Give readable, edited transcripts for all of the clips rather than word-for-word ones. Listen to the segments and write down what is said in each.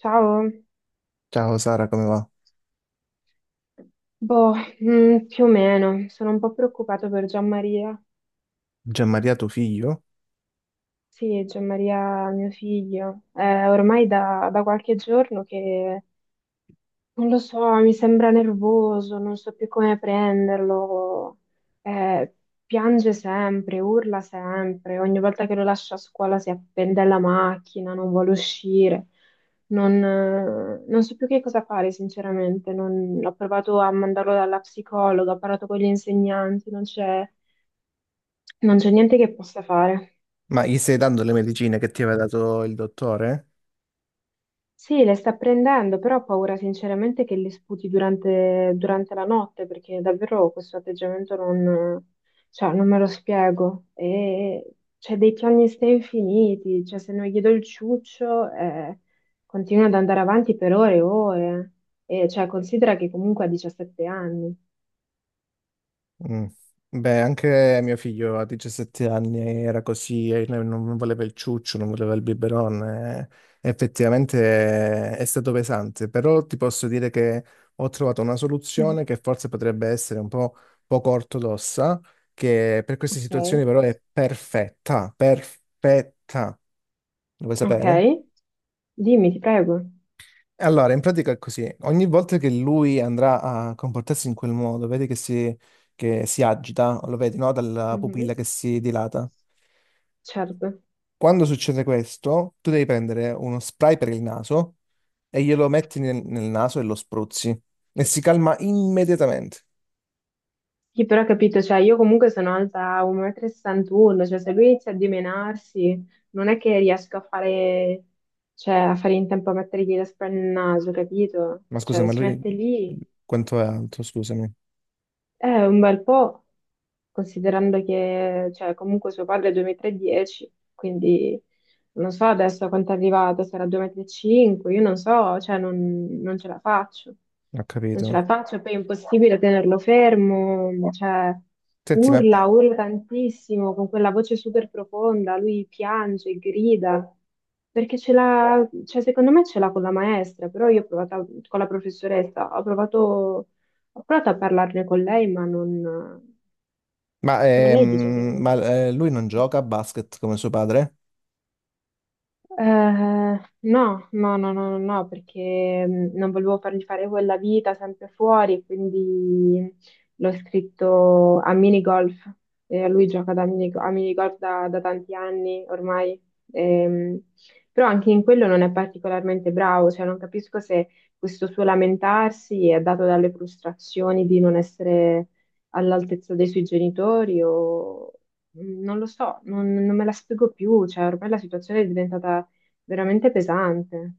Ciao, Ciao Sara, come va? boh, più o meno, sono un po' preoccupata per Gianmaria. Gianmaria, tuo figlio? Sì, Gianmaria, mio figlio, è ormai da qualche giorno che non lo so, mi sembra nervoso, non so più come prenderlo. Eh, Piange sempre, urla sempre. Ogni volta che lo lascio a scuola si appende alla macchina, non vuole uscire. Non so più che cosa fare, sinceramente. Ho provato a mandarlo dalla psicologa, ho parlato con gli insegnanti, non c'è niente che possa fare. Ma gli stai dando le medicine che ti aveva dato il dottore? Sì, le sta prendendo, però ho paura sinceramente che le sputi durante la notte, perché davvero questo atteggiamento non, cioè, non me lo spiego. E c'è dei piani ste infiniti, cioè se non gli do il ciuccio, continua ad andare avanti per ore e ore. E cioè, considera che comunque ha 17 anni. Mm. Beh, anche mio figlio a 17 anni era così, e non voleva il ciuccio, non voleva il biberon. Eh. Effettivamente è stato pesante, però ti posso dire che ho trovato una Mm. soluzione che forse potrebbe essere un po' poco ortodossa, che per queste situazioni Ok? però è perfetta, perfetta. Lo vuoi Ok? sapere? Dimmi, ti prego. Allora, in pratica è così. Ogni volta che lui andrà a comportarsi in quel modo, vedi che che si agita, lo vedi, no? Dalla Mhm. pupilla che si dilata. Certo. Quando succede questo, tu devi prendere uno spray per il naso e glielo metti nel naso e lo spruzzi. E si calma immediatamente. Sì, però ho capito, cioè io comunque sono alta 1,61 m, cioè se lui inizia a dimenarsi non è che riesco a fare, cioè, a fare in tempo a mettergli la spalla nel naso, capito? Ma scusa, Cioè se ma si lui mette lì quanto è alto? Scusami, è un bel po', considerando che, cioè, comunque suo padre è 2,310 m, quindi non so adesso a quanto è arrivato, sarà 2,35 m, io non so, cioè, non ce la faccio. ho Non ce capito. la faccio, poi è impossibile tenerlo fermo, cioè, Senti, urla tantissimo, con quella voce super profonda, lui piange, grida, perché ce l'ha, cioè, secondo me ce l'ha con la maestra, però io ho provato, con la professoressa, ho provato. Ho provato a parlarne con lei, ma, ma lei dice che ehm, ma, lui non no. gioca a basket come suo padre? Eh, no, no, no, no, no, no, perché non volevo fargli fare quella vita sempre fuori, quindi l'ho scritto a minigolf. E lui gioca da a minigolf da tanti anni ormai. Ehm, Però anche in quello non è particolarmente bravo, cioè non capisco se questo suo lamentarsi è dato dalle frustrazioni di non essere all'altezza dei suoi genitori o non lo so, non me la spiego più, cioè ormai la situazione è diventata veramente pesante.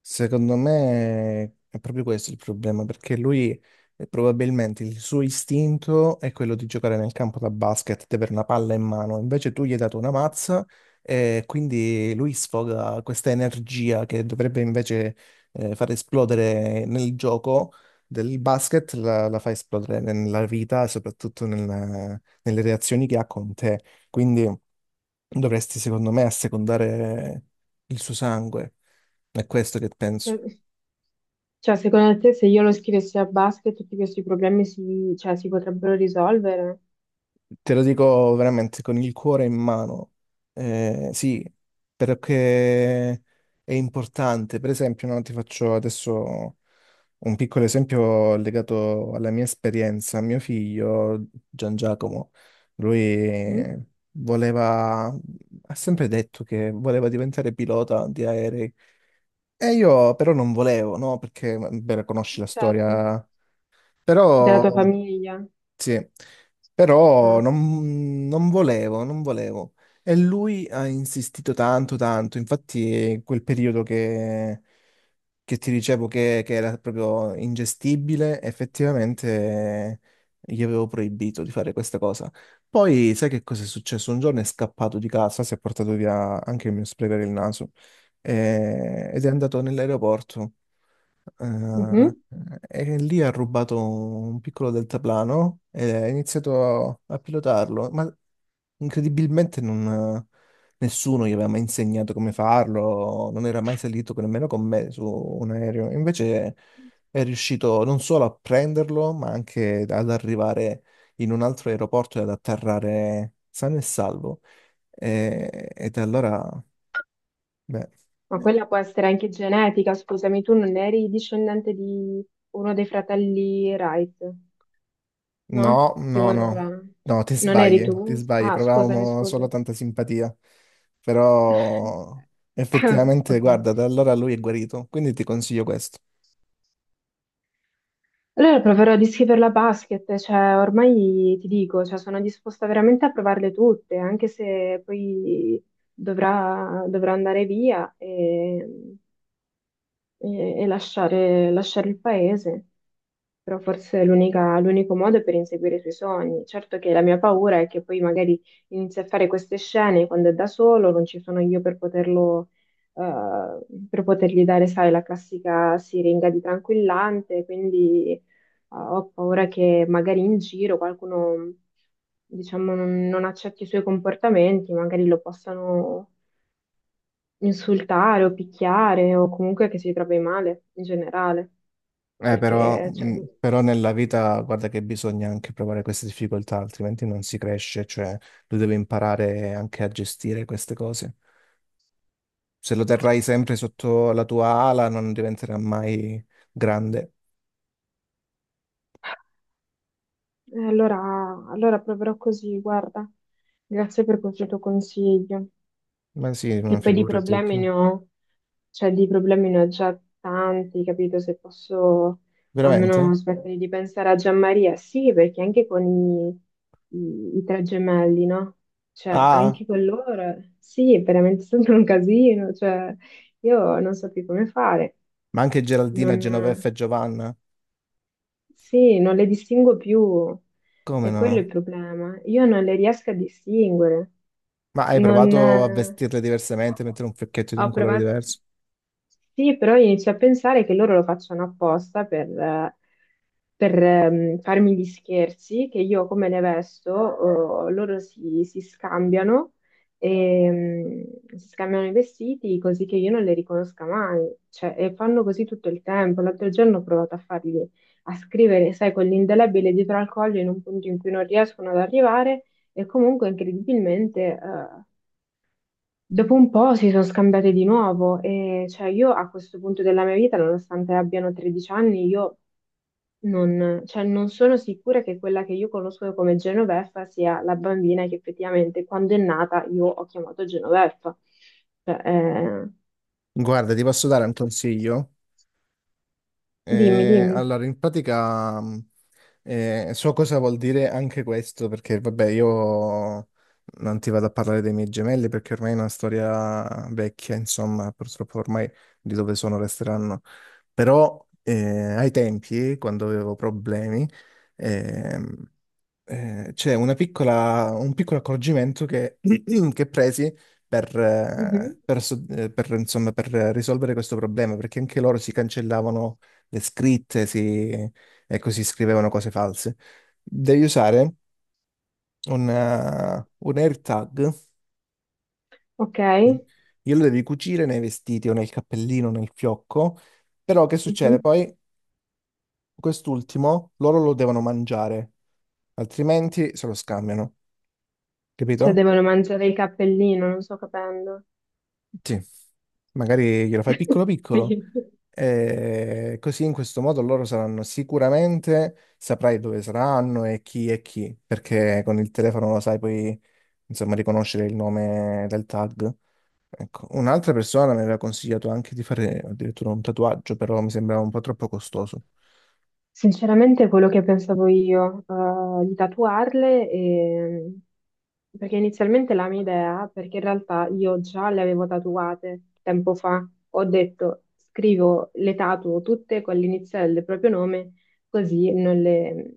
Secondo me è proprio questo il problema, perché lui probabilmente il suo istinto è quello di giocare nel campo da basket, di avere una palla in mano, invece tu gli hai dato una mazza e quindi lui sfoga questa energia che dovrebbe invece far esplodere nel gioco del basket, la fa esplodere nella vita e soprattutto nelle reazioni che ha con te. Quindi dovresti, secondo me, assecondare il suo sangue. È questo che penso. Cioè, cioè, secondo te se io lo scrivessi a basket tutti questi problemi si, cioè, si potrebbero risolvere? Te lo dico veramente con il cuore in mano. Sì, perché è importante. Per esempio, no, ti faccio adesso un piccolo esempio legato alla mia esperienza. Mio figlio, Gian Giacomo, Mm? lui voleva, ha sempre detto che voleva diventare pilota di aerei. E io però non volevo, no? Perché, beh, conosci la Certo. storia. Della Però... tua famiglia? Sì, però Eh. Non volevo, non volevo. E lui ha insistito tanto, tanto. Infatti, in quel periodo che ti dicevo che era proprio ingestibile, effettivamente gli avevo proibito di fare questa cosa. Poi, sai che cosa è successo? Un giorno è scappato di casa, si è portato via anche il mio spray per il naso ed è andato nell'aeroporto. Eh, Mhm. e lì ha rubato un piccolo deltaplano e ha iniziato a pilotarlo, ma incredibilmente nessuno gli aveva mai insegnato come farlo, non era mai salito nemmeno con me su un aereo. Invece è riuscito non solo a prenderlo, ma anche ad arrivare in un altro aeroporto e ad atterrare sano e salvo. E da allora, beh, Ma quella può essere anche genetica, scusami, tu non eri discendente di uno dei fratelli Wright, no? no, Primo no, no, aeroplano. no, Non eri ti tu? sbagli, Ah, scusami, provavamo solo scusami. tanta simpatia, però effettivamente, Ok. guarda, da allora lui è guarito, quindi ti consiglio questo. Allora proverò a descriverla a basket, cioè ormai ti dico, cioè, sono disposta veramente a provarle tutte, anche se poi dovrà andare via. E lasciare il paese, però forse è l'unico modo per inseguire i suoi sogni. Certo che la mia paura è che poi magari inizi a fare queste scene quando è da solo, non ci sono io per poterlo, per potergli dare, sai, la classica siringa di tranquillante, quindi ho paura che magari in giro qualcuno. Diciamo, non accetti i suoi comportamenti, magari lo possano insultare o picchiare o comunque che si trovi male in generale. Però, perché cioè, però nella vita, guarda che bisogna anche provare queste difficoltà, altrimenti non si cresce, cioè tu devi imparare anche a gestire queste cose. Se lo terrai sempre sotto la tua ala, non diventerà mai grande. eh, allora, allora proverò così, guarda, grazie per questo tuo consiglio. Ma sì, Che ma poi di figurati, problemi che- ne ho, cioè di problemi ne ho già tanti, capito? Se posso veramente? almeno smettere di pensare a Gianmaria, sì, perché anche con i tre gemelli, no? Cioè, Ah. anche con loro, sì, è veramente sempre un casino, cioè, io non so più come fare. Ma anche Geraldina, Genoveffa e Non... Giovanna? Sì, non le distingo più, Come è quello è il no? problema. Io non le riesco a distinguere. Ma hai Non, provato a vestirle diversamente, mettere un fiocchetto di Ho un colore provato, diverso? sì, però inizio a pensare che loro lo facciano apposta per, farmi gli scherzi, che io come ne vesto, oh, loro si scambiano, ehm, si scambiano i vestiti così che io non le riconosca mai. Cioè, e fanno così tutto il tempo. L'altro giorno ho provato a scrivere, sai, con l'indelebile dietro al collo in un punto in cui non riescono ad arrivare e comunque incredibilmente dopo un po' si sono scambiate di nuovo e cioè io a questo punto della mia vita, nonostante abbiano 13 anni, io non, cioè, non sono sicura che quella che io conosco come Genoveffa sia la bambina che effettivamente quando è nata io ho chiamato Genoveffa. Cioè, Guarda, ti posso dare un consiglio? dimmi, dimmi. Allora, in pratica so cosa vuol dire anche questo, perché vabbè, io non ti vado a parlare dei miei gemelli perché ormai è una storia vecchia, insomma, purtroppo ormai di dove sono resteranno. Però ai tempi, quando avevo problemi, ehm, c'è una piccola, un piccolo accorgimento che presi per, Mhm. eh, per so- eh, per, insomma, per risolvere questo problema, perché anche loro si cancellavano le scritte, ecco, si scrivevano cose false. Devi usare un air tag, Ok? Mhm. glielo devi cucire nei vestiti o nel cappellino, nel fiocco, però che succede? Poi quest'ultimo loro lo devono mangiare, altrimenti se lo scambiano, Cioè capito? devono mangiare il cappellino, non sto capendo. Sì, magari glielo fai piccolo piccolo. Sì. E così in questo modo loro saranno sicuramente, saprai dove saranno e chi è chi, perché con il telefono lo sai poi insomma, riconoscere il nome del tag. Ecco, un'altra persona mi aveva consigliato anche di fare addirittura un tatuaggio, però mi sembrava un po' troppo costoso. Sinceramente, quello che pensavo io, di tatuarle, perché inizialmente la mia idea, perché in realtà io già le avevo tatuate tempo fa, ho detto scrivo le tatuo tutte con l'iniziale del proprio nome, così non le,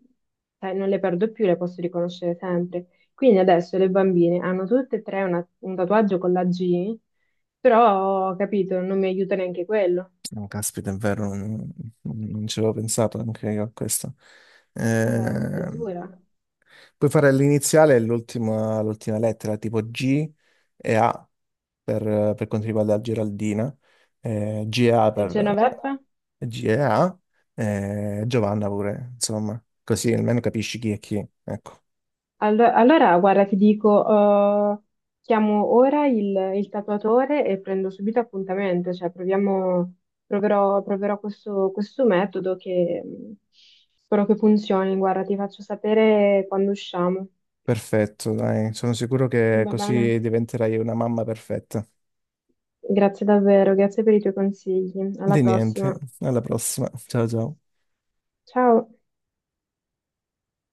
cioè, non le perdo più, le posso riconoscere sempre. Quindi adesso le bambine hanno tutte e tre un tatuaggio con la G, però ho capito, non mi aiuta neanche quello. Oh, caspita, è vero, non ci avevo pensato anche io a questo. È Ehm, dura. puoi fare l'iniziale e l'ultima lettera, tipo G e A per quanto riguarda la Geraldina, GA per Genoveva? G e A, Giovanna pure, insomma, così almeno capisci chi è chi, ecco. Allora, guarda, ti dico, eh, chiamo ora il tatuatore e prendo subito appuntamento, cioè proviamo, proverò questo metodo che spero che funzioni. Guarda, ti faccio sapere quando usciamo. Perfetto, dai, sono sicuro che Va bene? così diventerai una mamma perfetta. Grazie davvero, grazie per i tuoi consigli. Alla Di niente, prossima. alla prossima. Ciao ciao. Ciao!